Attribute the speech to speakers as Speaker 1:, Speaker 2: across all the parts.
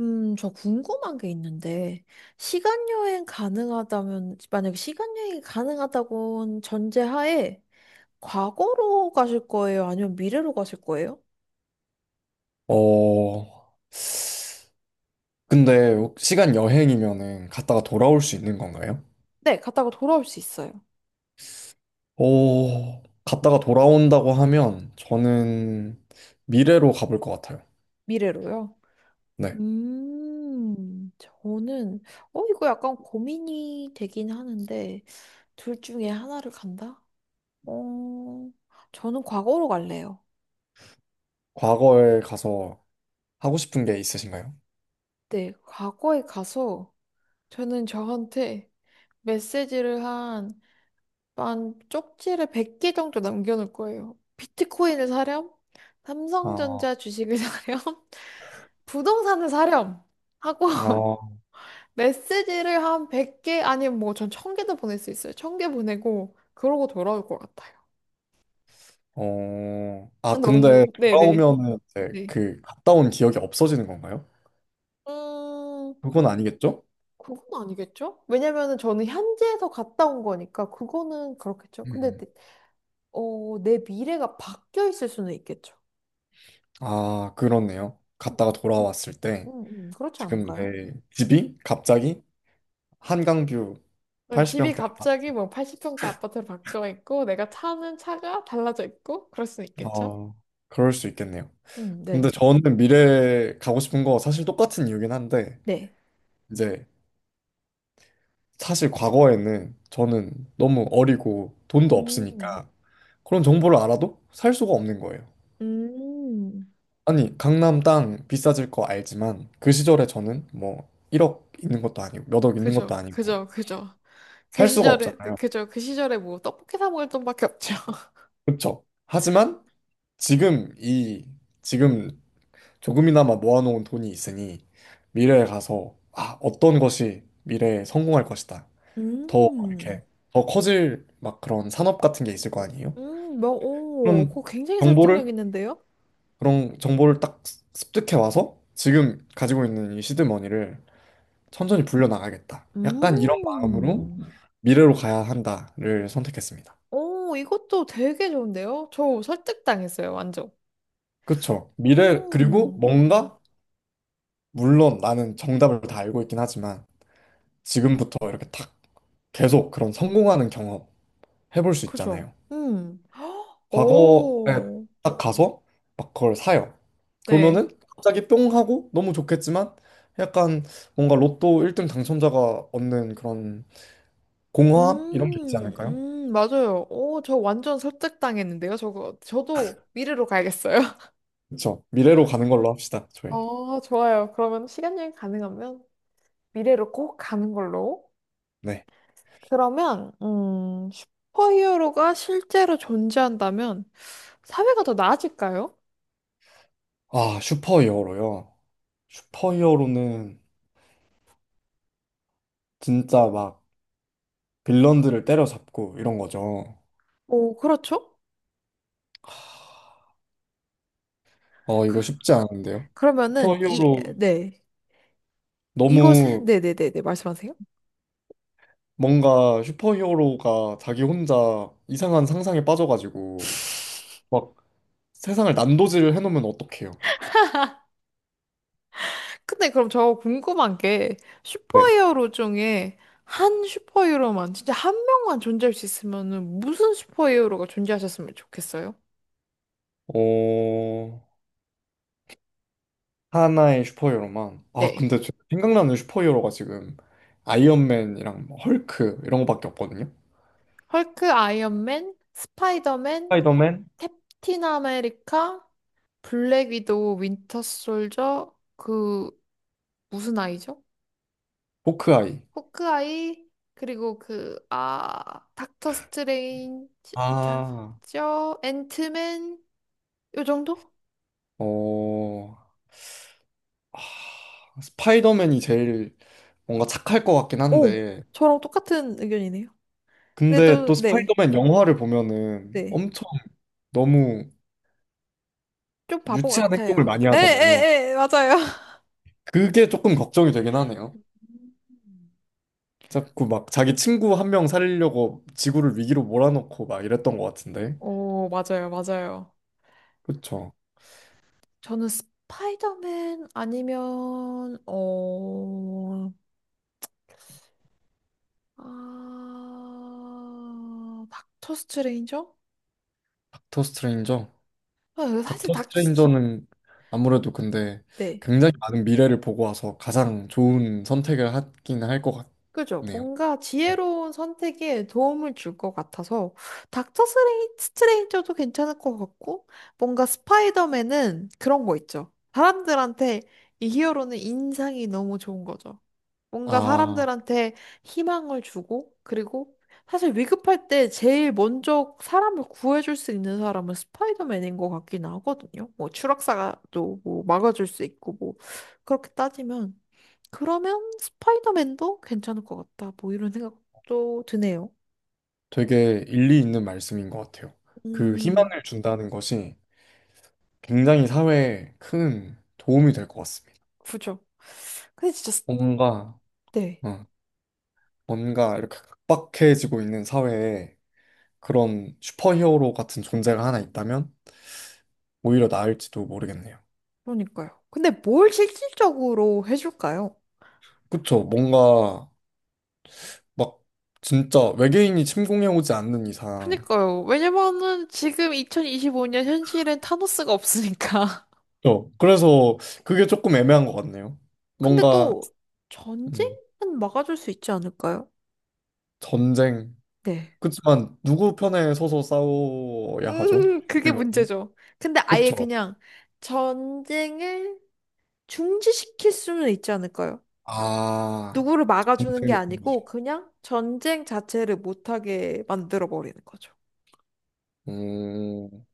Speaker 1: 저 궁금한 게 있는데, 시간 여행 가능하다면, 만약에 시간 여행이 가능하다고 전제하에, 과거로 가실 거예요? 아니면 미래로 가실 거예요?
Speaker 2: 어, 근데 시간 여행이면은 갔다가 돌아올 수 있는 건가요?
Speaker 1: 네, 갔다가 돌아올 수 있어요.
Speaker 2: 갔다가 돌아온다고 하면 저는 미래로 가볼 것 같아요.
Speaker 1: 미래로요.
Speaker 2: 네.
Speaker 1: 저는, 이거 약간 고민이 되긴 하는데, 둘 중에 하나를 간다? 어, 저는 과거로 갈래요.
Speaker 2: 과거에 가서 하고 싶은 게 있으신가요?
Speaker 1: 네, 과거에 가서, 저는 저한테 메시지를 한 쪽지를 100개 정도 남겨놓을 거예요. 비트코인을 사렴,
Speaker 2: 아,
Speaker 1: 삼성전자 주식을 사렴, 부동산을 사렴 하고
Speaker 2: 아,
Speaker 1: 메시지를 한 100개 아니면 뭐 전 1000개도 보낼 수 있어요. 1000개 보내고 그러고 돌아올 것 같아요.
Speaker 2: 근데
Speaker 1: 너무 네네
Speaker 2: 돌아오면은 이제
Speaker 1: 네.
Speaker 2: 그 갔다 온 기억이 없어지는 건가요?
Speaker 1: 음
Speaker 2: 그건 아니겠죠?
Speaker 1: 그건 아니겠죠? 왜냐면은 저는 현지에서 갔다 온 거니까 그거는 그렇겠죠.
Speaker 2: 음.
Speaker 1: 내 미래가 바뀌어 있을 수는 있겠죠.
Speaker 2: 아, 그렇네요.
Speaker 1: 음.
Speaker 2: 갔다가 돌아왔을 때
Speaker 1: 음, 그렇지
Speaker 2: 지금
Speaker 1: 않을까요?
Speaker 2: 내 집이 갑자기 한강뷰
Speaker 1: 응, 집이
Speaker 2: 80평대
Speaker 1: 갑자기
Speaker 2: 아파트.
Speaker 1: 뭐 80평대 아파트로 바뀌어 있고, 내가 타는 차가 달라져 있고, 그럴 수는 있겠죠?
Speaker 2: 어, 그럴 수 있겠네요. 근데 네.
Speaker 1: 네.
Speaker 2: 저는 미래에 가고 싶은 거 사실 똑같은 이유긴 한데,
Speaker 1: 네.
Speaker 2: 이제 사실 과거에는 저는 너무 어리고 돈도
Speaker 1: 음,
Speaker 2: 없으니까 그런 정보를 알아도 살 수가 없는 거예요.
Speaker 1: 음,
Speaker 2: 아니, 강남 땅 비싸질 거 알지만 그 시절에 저는 뭐 1억 있는 것도 아니고 몇 억 있는 것도
Speaker 1: 그죠,
Speaker 2: 아니고
Speaker 1: 그죠, 그죠. 그
Speaker 2: 살 수가
Speaker 1: 시절에,
Speaker 2: 없잖아요.
Speaker 1: 그죠, 그 시절에 뭐 떡볶이 사 먹을 돈밖에 없죠.
Speaker 2: 그렇죠? 하지만 지금 이 지금 조금이나마 모아놓은 돈이 있으니 미래에 가서 아, 어떤 것이 미래에 성공할 것이다. 더
Speaker 1: 음,
Speaker 2: 이렇게 더 커질 막 그런 산업 같은 게 있을 거 아니에요?
Speaker 1: 뭐, 오,
Speaker 2: 그럼
Speaker 1: 그거 굉장히
Speaker 2: 정보를
Speaker 1: 설득력 있는데요?
Speaker 2: 그런 정보를 딱 습득해 와서 지금 가지고 있는 이 시드머니를 천천히 불려 나가겠다. 약간 이런 마음으로
Speaker 1: 음,
Speaker 2: 미래로 가야 한다를 선택했습니다.
Speaker 1: 오, 이것도 되게 좋은데요? 저 설득당했어요, 완전.
Speaker 2: 그쵸? 미래 그리고
Speaker 1: 음,
Speaker 2: 뭔가 물론 나는 정답을 다 알고 있긴 하지만 지금부터 이렇게 탁 계속 그런 성공하는 경험 해볼 수
Speaker 1: 그죠?
Speaker 2: 있잖아요.
Speaker 1: 헉,
Speaker 2: 과거에
Speaker 1: 오.
Speaker 2: 딱 가서 막 그걸 사요.
Speaker 1: 네.
Speaker 2: 그러면은 갑자기 뿅 하고 너무 좋겠지만 약간 뭔가 로또 1등 당첨자가 얻는 그런 공허함 이런 게 있지 않을까요?
Speaker 1: 맞아요. 오, 저 완전 설득당했는데요. 저거, 저도 미래로 가야겠어요.
Speaker 2: 그쵸. 미래로 가는 걸로 합시다, 저희.
Speaker 1: 좋아요. 그러면 시간 여행 가능하면 미래로 꼭 가는 걸로.
Speaker 2: 네.
Speaker 1: 그러면, 슈퍼히어로가 실제로 존재한다면 사회가 더 나아질까요?
Speaker 2: 아, 슈퍼히어로요. 슈퍼히어로는 진짜 막 빌런들을 때려잡고 이런 거죠.
Speaker 1: 오, 그렇죠?
Speaker 2: 하,
Speaker 1: 그,
Speaker 2: 이거 쉽지 않은데요.
Speaker 1: 그러면은, 이,
Speaker 2: 슈퍼히어로
Speaker 1: 네. 이곳에,
Speaker 2: 너무
Speaker 1: 네네네네, 말씀하세요.
Speaker 2: 뭔가 슈퍼히어로가 자기 혼자 이상한 상상에 빠져가지고 막 세상을 난도질을 해놓으면 어떡해요?
Speaker 1: 근데 그럼 저 궁금한 게
Speaker 2: 네.
Speaker 1: 슈퍼히어로 중에 한 슈퍼히어로만 진짜 한 명만 존재할 수 있으면은 무슨 슈퍼히어로가 존재하셨으면 좋겠어요?
Speaker 2: 어, 하나의 슈퍼히어로만. 아,
Speaker 1: 네.
Speaker 2: 근데 저 생각나는 슈퍼히어로가 지금 아이언맨이랑 뭐 헐크 이런 거밖에 없거든요.
Speaker 1: 헐크, 아이언맨, 스파이더맨,
Speaker 2: 스파이더맨?
Speaker 1: 캡틴 아메리카, 블랙 위도우, 윈터 솔저, 그 무슨 아이죠?
Speaker 2: 호크아이.
Speaker 1: 호크아이, 그리고 그 아, 닥터 스트레인지,
Speaker 2: 아,
Speaker 1: 닥터 앤트맨 요 정도?
Speaker 2: 어, 아, 스파이더맨이 제일 뭔가 착할 것 같긴
Speaker 1: 오,
Speaker 2: 한데,
Speaker 1: 저랑 똑같은 의견이네요. 네,
Speaker 2: 근데
Speaker 1: 또,
Speaker 2: 또
Speaker 1: 네,
Speaker 2: 스파이더맨 영화를 보면은
Speaker 1: 네.
Speaker 2: 엄청 너무
Speaker 1: 좀 바보
Speaker 2: 유치한 행동을
Speaker 1: 같아요.
Speaker 2: 많이
Speaker 1: 에,
Speaker 2: 하잖아요.
Speaker 1: 에, 에, 맞아요.
Speaker 2: 그게 조금 걱정이 되긴 하네요.
Speaker 1: 음.
Speaker 2: 자꾸 막 자기 친구 한 명 살리려고 지구를 위기로 몰아넣고 막 이랬던 것 같은데.
Speaker 1: 오, 맞아요, 맞아요.
Speaker 2: 그쵸.
Speaker 1: 저는 스파이더맨 아니면, 아, 닥터 스트레인저?
Speaker 2: 닥터 스트레인저?
Speaker 1: 아, 사실
Speaker 2: 닥터
Speaker 1: 닥터 스트...
Speaker 2: 스트레인저는 아무래도 근데
Speaker 1: 네.
Speaker 2: 굉장히 많은 미래를 보고 와서 가장 좋은 선택을 하긴 할 것
Speaker 1: 그죠?
Speaker 2: 같네요.
Speaker 1: 뭔가 지혜로운 선택에 도움을 줄 것 같아서 닥터 스트레인저도 괜찮을 것 같고 뭔가 스파이더맨은 그런 거 있죠. 사람들한테 이 히어로는 인상이 너무 좋은 거죠. 뭔가
Speaker 2: 아,
Speaker 1: 사람들한테 희망을 주고, 그리고 사실 위급할 때 제일 먼저 사람을 구해줄 수 있는 사람은 스파이더맨인 것 같긴 하거든요. 뭐 추락사가 또 뭐 막아줄 수 있고, 뭐 그렇게 따지면 그러면 스파이더맨도 괜찮을 것 같다. 뭐 이런 생각도 드네요.
Speaker 2: 되게 일리 있는 말씀인 것 같아요. 그
Speaker 1: 음,
Speaker 2: 희망을 준다는 것이 굉장히 사회에 큰 도움이 될 것 같습니다.
Speaker 1: 그죠. 근데 진짜,
Speaker 2: 뭔가,
Speaker 1: 네.
Speaker 2: 어, 뭔가 이렇게 각박해지고 있는 사회에 그런 슈퍼히어로 같은 존재가 하나 있다면 오히려 나을지도 모르겠네요.
Speaker 1: 그러니까요. 근데 뭘 실질적으로 해줄까요?
Speaker 2: 그쵸? 뭔가 막 진짜 외계인이 침공해오지 않는 이상.
Speaker 1: 그니까요. 왜냐면은 지금 2025년 현실엔 타노스가 없으니까.
Speaker 2: 그래서 그게 조금 애매한 것 같네요.
Speaker 1: 근데
Speaker 2: 뭔가
Speaker 1: 또
Speaker 2: 음,
Speaker 1: 전쟁은 막아줄 수 있지 않을까요?
Speaker 2: 전쟁.
Speaker 1: 네.
Speaker 2: 그렇지만 누구 편에 서서 싸워야 하죠?
Speaker 1: 그게
Speaker 2: 음.
Speaker 1: 문제죠. 근데 아예
Speaker 2: 그쵸?
Speaker 1: 그냥 전쟁을 중지시킬 수는 있지 않을까요?
Speaker 2: 아,
Speaker 1: 누구를 막아주는 게
Speaker 2: 전쟁의
Speaker 1: 아니고 그냥 전쟁 자체를 못하게 만들어 버리는 거죠.
Speaker 2: 분위기.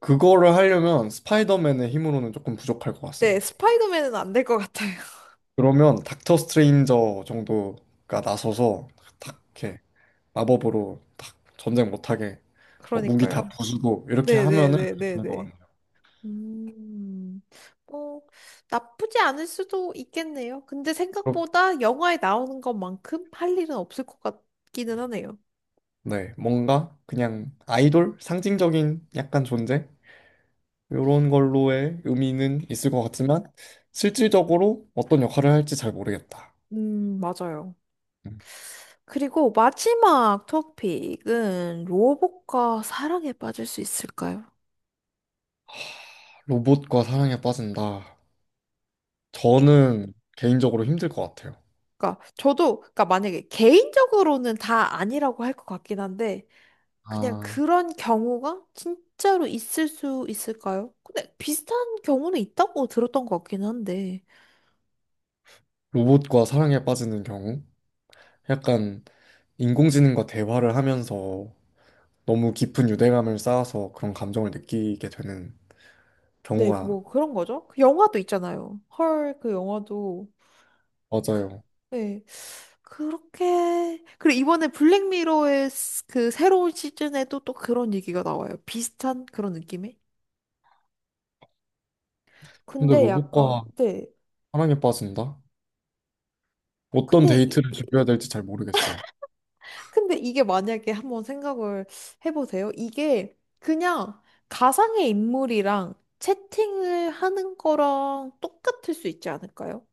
Speaker 2: 그거를 하려면 스파이더맨의 힘으로는 조금 부족할 것
Speaker 1: 네,
Speaker 2: 같습니다.
Speaker 1: 스파이더맨은 안 될 것 같아요.
Speaker 2: 그러면 닥터 스트레인저 정도가 나서서 탁 이렇게 마법으로 탁 전쟁 못하게 뭐 무기 다
Speaker 1: 그러니까요.
Speaker 2: 부수고 이렇게 하면은 괜찮을 것
Speaker 1: 네네네네네.
Speaker 2: 같네요.
Speaker 1: 음, 뭐, 나쁘지 않을 수도 있겠네요. 근데
Speaker 2: 그렇-
Speaker 1: 생각보다 영화에 나오는 것만큼 할 일은 없을 것 같기는 하네요.
Speaker 2: 네, 뭔가 그냥 아이돌 상징적인 약간 존재 이런 걸로의 의미는 있을 것 같지만 실질적으로 어떤 역할을 할지 잘 모르겠다.
Speaker 1: 맞아요.
Speaker 2: 음.
Speaker 1: 그리고 마지막 토픽은 로봇과 사랑에 빠질 수 있을까요?
Speaker 2: 로봇과 사랑에 빠진다.
Speaker 1: 이-
Speaker 2: 저는 개인적으로 힘들 것 같아요.
Speaker 1: 그러니까 저도 그러니까 만약에 개인적으로는 다 아니라고 할 것 같긴 한데 그냥
Speaker 2: 아,
Speaker 1: 그런 경우가 진짜로 있을 수 있을까요? 근데 비슷한 경우는 있다고 들었던 것 같긴 한데.
Speaker 2: 로봇과 사랑에 빠지는 경우. 약간 인공지능과 대화를 하면서 너무 깊은 유대감을 쌓아서 그런 감정을 느끼게 되는
Speaker 1: 네,
Speaker 2: 경우가
Speaker 1: 그뭐 그런 거죠. 그 영화도 있잖아요. 헐, 그 영화도.
Speaker 2: 맞아요.
Speaker 1: 네. 그렇게. 그리고 이번에 블랙미러의 그 새로운 시즌에도 또 그런 얘기가 나와요. 비슷한 그런 느낌의?
Speaker 2: 근데
Speaker 1: 근데 약간,
Speaker 2: 로봇과
Speaker 1: 네.
Speaker 2: 사랑에 빠진다? 어떤
Speaker 1: 근데,
Speaker 2: 데이트를 준비해야 될지 잘 모르겠어요.
Speaker 1: 근데 이게 만약에 한번 생각을 해보세요. 이게 그냥 가상의 인물이랑 채팅을 하는 거랑 똑같을 수 있지 않을까요?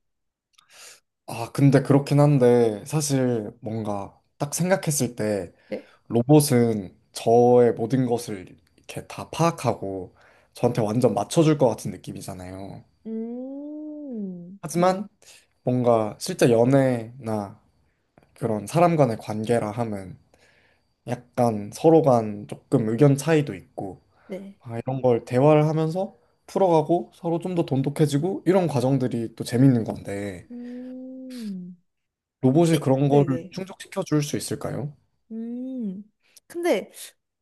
Speaker 2: 아, 근데 그렇긴 한데 사실 뭔가 딱 생각했을 때
Speaker 1: 네.
Speaker 2: 로봇은 저의 모든 것을 이렇게 다 파악하고 저한테 완전 맞춰줄 것 같은 느낌이잖아요.
Speaker 1: 음,
Speaker 2: 하지만 뭔가 실제 연애나 그런 사람 간의 관계라 함은 약간 서로 간 조금 의견 차이도 있고
Speaker 1: 네.
Speaker 2: 아, 이런 걸 대화를 하면서 풀어가고 서로 좀 더 돈독해지고 이런 과정들이 또 재밌는 건데
Speaker 1: 음.
Speaker 2: 로봇이
Speaker 1: 네,
Speaker 2: 그런 거를
Speaker 1: 네네.
Speaker 2: 충족시켜 줄 수 있을까요?
Speaker 1: 음. 근데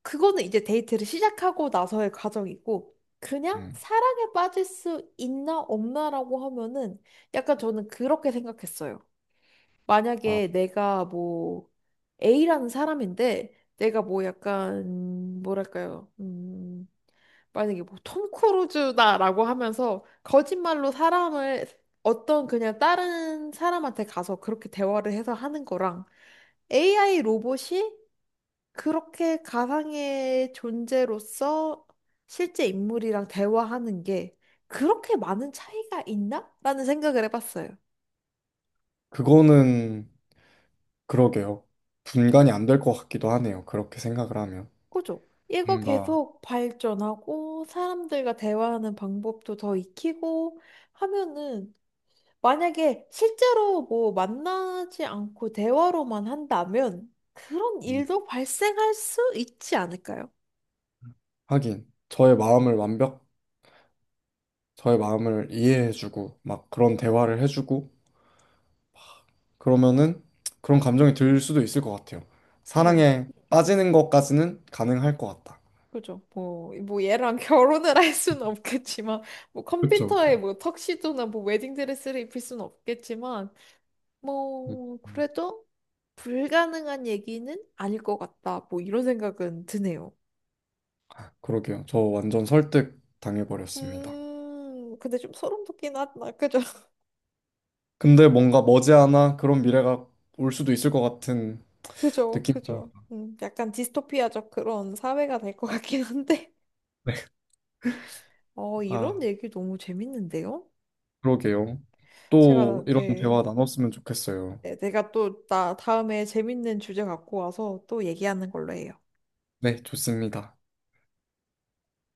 Speaker 1: 그거는 이제 데이트를 시작하고 나서의 과정이고, 그냥
Speaker 2: 음.
Speaker 1: 사랑에 빠질 수 있나 없나라고 하면은 약간 저는 그렇게 생각했어요.
Speaker 2: 아,
Speaker 1: 만약에 내가 뭐 A라는 사람인데 내가 뭐 약간 뭐랄까요? 만약에 뭐 톰 크루즈다라고 하면서 거짓말로 사람을 어떤 그냥 다른 사람한테 가서 그렇게 대화를 해서 하는 거랑 AI 로봇이 그렇게 가상의 존재로서 실제 인물이랑 대화하는 게 그렇게 많은 차이가 있나? 라는 생각을 해봤어요.
Speaker 2: 그거는 그러게요. 분간이 안 될 것 같기도 하네요. 그렇게 생각을 하면
Speaker 1: 그죠? 이거
Speaker 2: 뭔가
Speaker 1: 계속 발전하고 사람들과 대화하는 방법도 더 익히고 하면은 만약에 실제로 뭐 만나지 않고 대화로만 한다면 그런
Speaker 2: 음,
Speaker 1: 일도 발생할 수 있지 않을까요?
Speaker 2: 하긴 저의 마음을 이해해주고 막 그런 대화를 해주고 그러면은 그런 감정이 들 수도 있을 것 같아요.
Speaker 1: 그죠?
Speaker 2: 사랑에 빠지는 것까지는 가능할 것 같다.
Speaker 1: 그죠. 뭐, 뭐 얘랑 결혼을 할 수는 없겠지만, 뭐
Speaker 2: 그쵸, 그쵸.
Speaker 1: 컴퓨터에 뭐 턱시도나 뭐 웨딩드레스를 입힐 수는 없겠지만,
Speaker 2: 음.
Speaker 1: 뭐,
Speaker 2: 음.
Speaker 1: 그래도 불가능한 얘기는 아닐 것 같다. 뭐 이런 생각은 드네요.
Speaker 2: 그러게요. 저 완전 설득 당해버렸습니다.
Speaker 1: 근데 좀 소름 돋긴 하다. 그죠.
Speaker 2: 근데 뭔가 머지않아 그런 미래가 올 수도 있을 것 같은
Speaker 1: 그죠.
Speaker 2: 느낌.
Speaker 1: 그죠. 약간 디스토피아적 그런 사회가 될 것 같긴 한데.
Speaker 2: 네, 아,
Speaker 1: 이런 얘기 너무 재밌는데요?
Speaker 2: 그러게요. 또
Speaker 1: 제가,
Speaker 2: 이런
Speaker 1: 네.
Speaker 2: 대화 나눴으면 좋겠어요.
Speaker 1: 네, 내가 또 나 다음에 재밌는 주제 갖고 와서 또 얘기하는 걸로 해요.
Speaker 2: 네, 좋습니다.